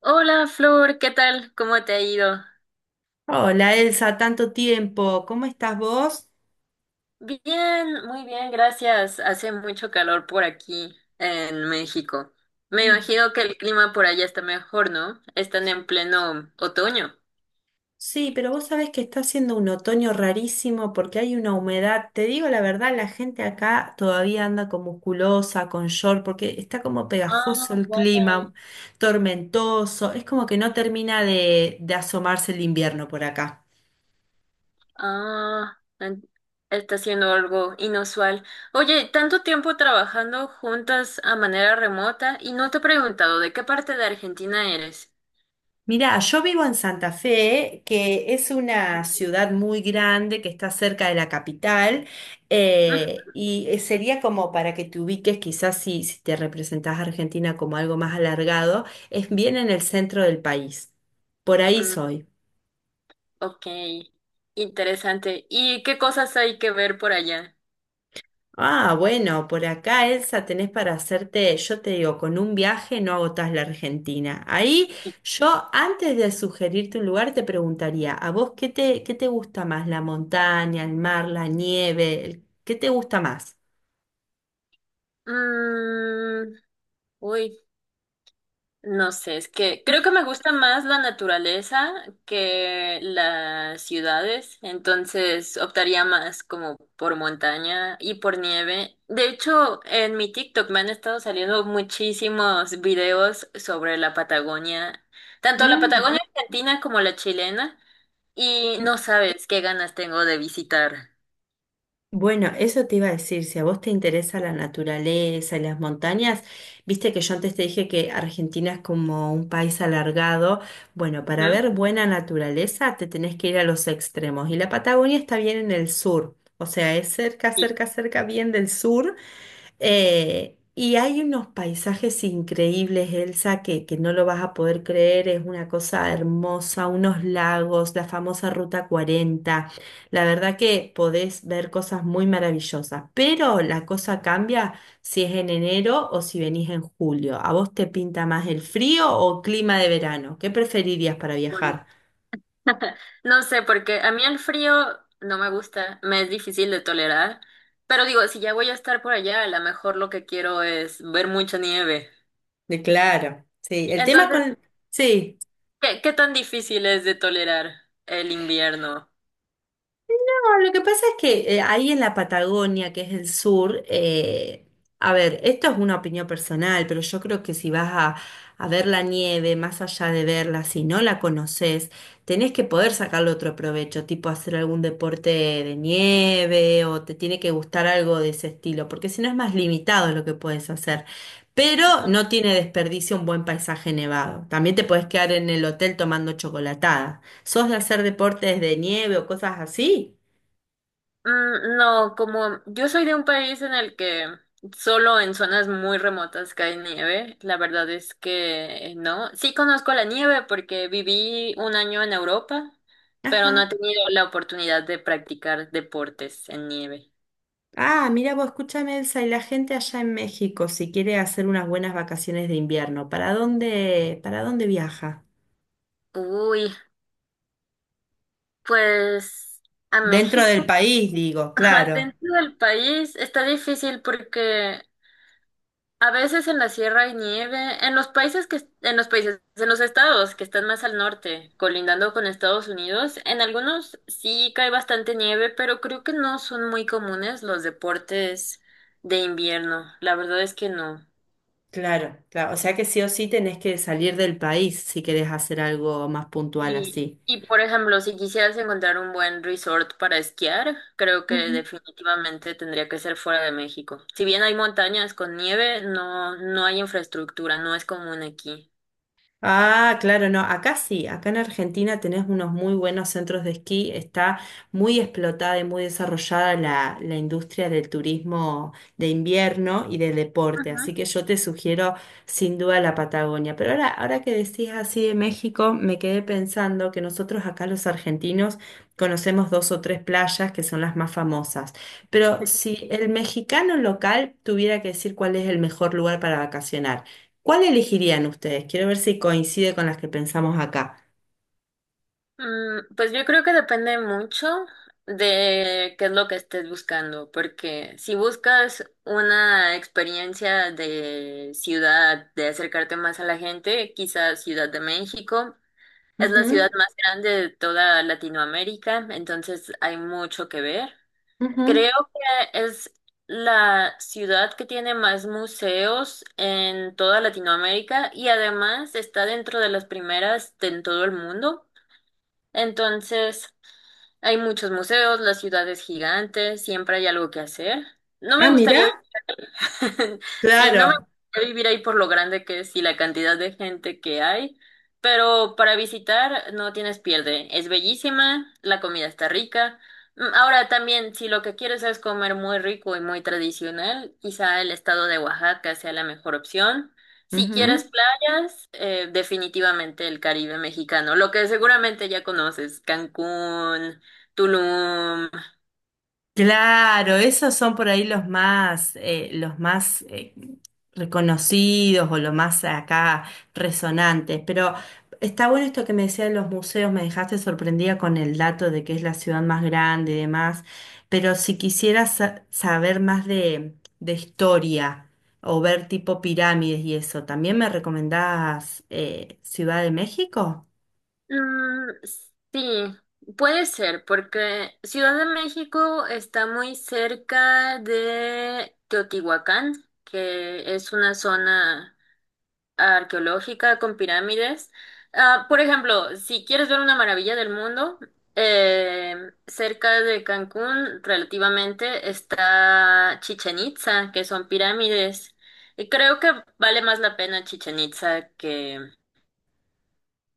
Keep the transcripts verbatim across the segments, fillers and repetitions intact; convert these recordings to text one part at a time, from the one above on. Hola Flor, ¿qué tal? ¿Cómo te ha ido? Hola Elsa, tanto tiempo. ¿Cómo estás vos? Bien, muy bien, gracias. Hace mucho calor por aquí en México. Me Mm. imagino que el clima por allá está mejor, ¿no? Están en pleno otoño. Sí, pero vos sabés que está haciendo un otoño rarísimo porque hay una humedad. Te digo la verdad, la gente acá todavía anda con musculosa, con short, porque está como pegajoso Ah, el vaya. clima, tormentoso. Es como que no termina de, de asomarse el invierno por acá. Ah, en- está siendo algo inusual. Oye, tanto tiempo trabajando juntas a manera remota y no te he preguntado de qué parte de Argentina eres. Mirá, yo vivo en Santa Fe, que es una ciudad muy grande que está cerca de la capital, Mm, eh, y eh, sería como para que te ubiques, quizás si, si te representás a Argentina como algo más alargado, es bien en el centro del país. Por ahí mm, soy. ok, interesante. ¿Y qué cosas hay que ver por allá? Ah, bueno, por acá, Elsa, tenés para hacerte, yo te digo, con un viaje no agotás la Argentina. Ahí yo, antes de sugerirte un lugar, te preguntaría, ¿a vos qué te, qué te gusta más? ¿La montaña, el mar, la nieve? El- ¿Qué te gusta más? Mm, uy, no sé, es que creo que me gusta más la naturaleza que las ciudades, entonces optaría más como por montaña y por nieve. De hecho, en mi TikTok me han estado saliendo muchísimos videos sobre la Patagonia, tanto la Mm. Patagonia argentina como la chilena, y no sabes qué ganas tengo de visitar. Bueno, eso te iba a decir, si a vos te interesa la naturaleza y las montañas, viste que yo antes te dije que Argentina es como un país alargado. Bueno, para Ujú. ver buena naturaleza te tenés que ir a los extremos y la Patagonia está bien en el sur, o sea, es cerca, Sí. cerca, cerca, bien del sur. Eh, y hay unos paisajes increíbles, Elsa, que, que no lo vas a poder creer, es una cosa hermosa, unos lagos, la famosa Ruta Cuarenta. La verdad que podés ver cosas muy maravillosas, pero la cosa cambia si es en enero o si venís en julio. ¿A vos te pinta más el frío o clima de verano? ¿Qué preferirías para Uy. viajar? No sé, porque a mí el frío no me gusta, me es difícil de tolerar, pero digo, si ya voy a estar por allá, a lo mejor lo que quiero es ver mucha nieve. De claro, sí. El tema Entonces, con... Sí. ¿qué, ¿qué tan difícil es de tolerar el invierno? No, lo que pasa es que eh, ahí en la Patagonia, que es el sur, eh, a ver, esto es una opinión personal, pero yo creo que si vas a, a ver la nieve, más allá de verla, si no la conoces, tenés que poder sacarle otro provecho, tipo hacer algún deporte de nieve o te tiene que gustar algo de ese estilo, porque si no es más limitado lo que puedes hacer. Pero no tiene desperdicio un buen paisaje nevado. También te puedes quedar en el hotel tomando chocolatada. ¿Sos de hacer deportes de nieve o cosas así? Mm, no, como yo soy de un país en el que solo en zonas muy remotas cae nieve, la verdad es que eh, no. Sí conozco la nieve porque viví un año en Europa, pero no he Ajá. tenido la oportunidad de practicar deportes en nieve. Ah, mira vos, escúchame, Elsa, y la gente allá en México, si quiere hacer unas buenas vacaciones de invierno, ¿para dónde, para dónde viaja? Uy, pues a Dentro del México. país, digo, Ajá, claro, dentro del país está difícil porque a veces en la sierra hay nieve, en los países que, en los países, en los estados que están más al norte, colindando con Estados Unidos, en algunos sí cae bastante nieve, pero creo que no son muy comunes los deportes de invierno. La verdad es que no. claro, claro. O sea que sí o sí tenés que salir del país si querés hacer algo más puntual Y, así. y por ejemplo, si quisieras encontrar un buen resort para esquiar, creo que definitivamente tendría que ser fuera de México. Si bien hay montañas con nieve, no, no hay infraestructura, no es común aquí. Ah, claro, no, acá sí, acá en Argentina tenés unos muy buenos centros de esquí, está muy explotada y muy desarrollada la, la industria del turismo de invierno y del deporte, Ajá. así que yo te sugiero sin duda la Patagonia. Pero ahora, ahora que decís así de México, me quedé pensando que nosotros acá los argentinos conocemos dos o tres playas que son las más famosas, pero si el mexicano local tuviera que decir cuál es el mejor lugar para vacacionar. ¿Cuál elegirían ustedes? Quiero ver si coincide con las que pensamos acá. Mm, pues yo creo que depende mucho de qué es lo que estés buscando, porque si buscas una experiencia de ciudad, de acercarte más a la gente, quizás Ciudad de México. Es la ciudad Ujú, más grande de toda Latinoamérica, entonces hay mucho que ver. ujú. Creo que es la ciudad que tiene más museos en toda Latinoamérica y además está dentro de las primeras de- en todo el mundo. Entonces hay muchos museos, la ciudad es gigante, siempre hay algo que hacer. No me Ah, gustaría. mira, Sí, no me claro. gustaría vivir ahí por lo grande que es y la cantidad de gente que hay, pero para visitar no tienes pierde. Es bellísima, la comida está rica. Mm, Ahora también, si lo que quieres es comer muy rico y muy tradicional, quizá el estado de Oaxaca sea la mejor opción. Si quieres playas, eh, definitivamente el Caribe mexicano, lo que seguramente ya conoces, Cancún, Tulum. Claro, esos son por ahí los más, eh, los más eh, reconocidos o los más acá resonantes. Pero está bueno esto que me decías de los museos, me dejaste sorprendida con el dato de que es la ciudad más grande y demás. Pero si quisieras sa- saber más de, de historia o ver tipo pirámides y eso, ¿también me recomendás eh, Ciudad de México? Mm, sí, puede ser, porque Ciudad de México está muy cerca de Teotihuacán, que es una zona arqueológica con pirámides. Ah, por ejemplo, si quieres ver una maravilla del mundo, eh, cerca de Cancún, relativamente, está Chichen Itza, que son pirámides. Y creo que vale más la pena Chichen Itza que...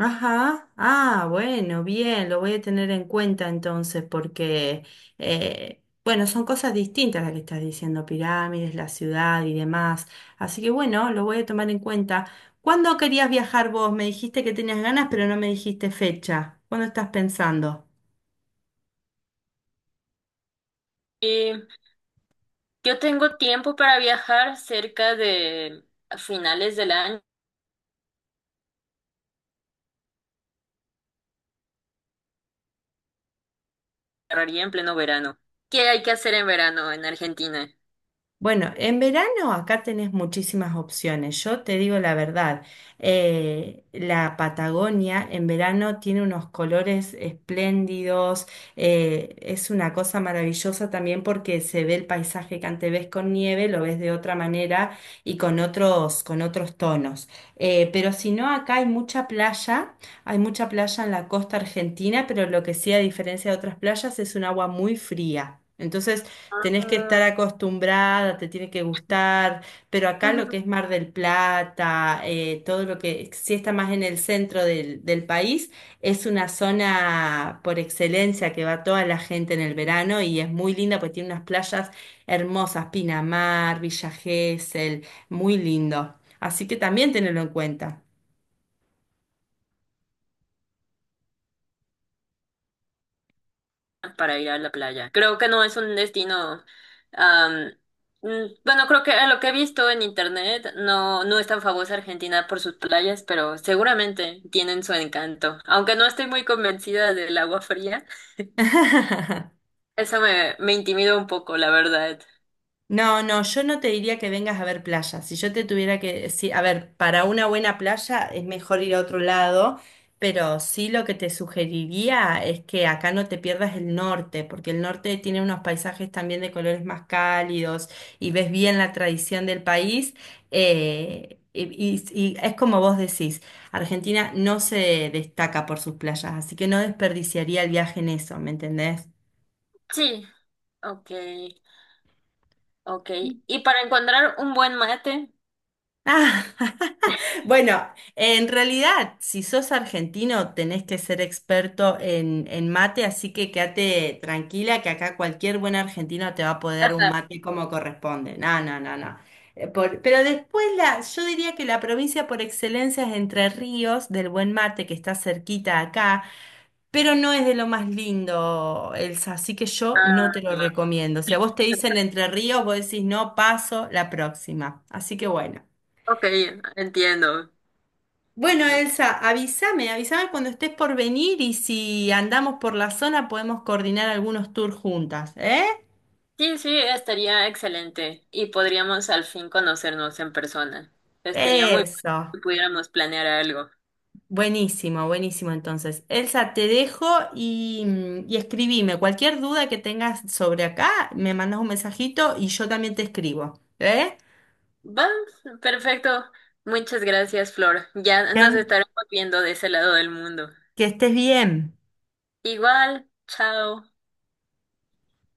Ajá, ah, bueno, bien, lo voy a tener en cuenta entonces porque, eh, bueno, son cosas distintas las que estás diciendo, pirámides, la ciudad y demás. Así que bueno, lo voy a tomar en cuenta. ¿Cuándo querías viajar vos? Me dijiste que tenías ganas, pero no me dijiste fecha. ¿Cuándo estás pensando? Yo tengo tiempo para viajar cerca de a finales del año, agarraría en pleno verano. ¿Qué hay que hacer en verano en Argentina Bueno, en verano acá tenés muchísimas opciones. Yo te digo la verdad, eh, la Patagonia en verano tiene unos colores espléndidos, eh, es una cosa maravillosa también porque se ve el paisaje que antes ves con nieve, lo ves de otra manera y con otros, con otros tonos. Eh, pero si no, acá hay mucha playa, hay mucha playa en la costa argentina, pero lo que sí, a diferencia de otras playas, es un agua muy fría. Entonces, tenés que Ah, estar acostumbrada, te tiene que gustar, pero acá lo que ujú. es Mar del Plata, eh, todo lo que sí está más en el centro del, del país, es una zona por excelencia que va toda la gente en el verano y es muy linda porque tiene unas playas hermosas, Pinamar, Villa Gesell, muy lindo. Así que también tenelo en cuenta. Para ir a la playa? Creo que no es un destino, am, mm, bueno, creo que a lo que he visto en internet, no, no es tan famosa Argentina por sus playas, pero seguramente tienen su encanto. Aunque no estoy muy convencida del agua fría, eso me, me intimida un poco, la verdad. No, no, yo no te diría que vengas a ver playa. Si yo te tuviera que decir, a ver, para una buena playa es mejor ir a otro lado, pero sí lo que te sugeriría es que acá no te pierdas el norte, porque el norte tiene unos paisajes también de colores más cálidos y ves bien la tradición del país. eh, y, y y es como vos decís, Argentina no se destaca por sus playas, así que no desperdiciaría el viaje en eso, ¿me entendés? Sí, ok. Ok. Y para encontrar un buen mate. Bueno, en realidad, si sos argentino, tenés que ser experto en, en mate, así que quédate tranquila que acá cualquier buen argentino te va a poder un Ajá. mate como corresponde. No, no, no, no. Eh, por- pero después la, yo diría que la provincia por excelencia es Entre Ríos, del buen mate que está cerquita acá, pero no es de lo más lindo, Elsa, así que yo no te Ah, lo recomiendo. Si a vos te dicen Entre Ríos, vos decís no, paso la próxima. Así que bueno. ok, entiendo. Bueno, Elsa, avísame, avísame cuando estés por venir y si andamos por la zona podemos coordinar algunos tours juntas, ¿eh? Sí, sí, estaría excelente. Y podríamos al fin conocernos en persona. Estaría muy bueno Eso. si pudiéramos planear algo. Buenísimo, buenísimo. Entonces, Elsa, te dejo y, mm, y escribime. Cualquier duda que tengas sobre acá, me mandas un mensajito y yo también te escribo, ¿eh? Va, perfecto. Muchas gracias, Flor. Ya nos Que, estaremos viendo de ese lado del mundo. que estés bien. Igual, chao.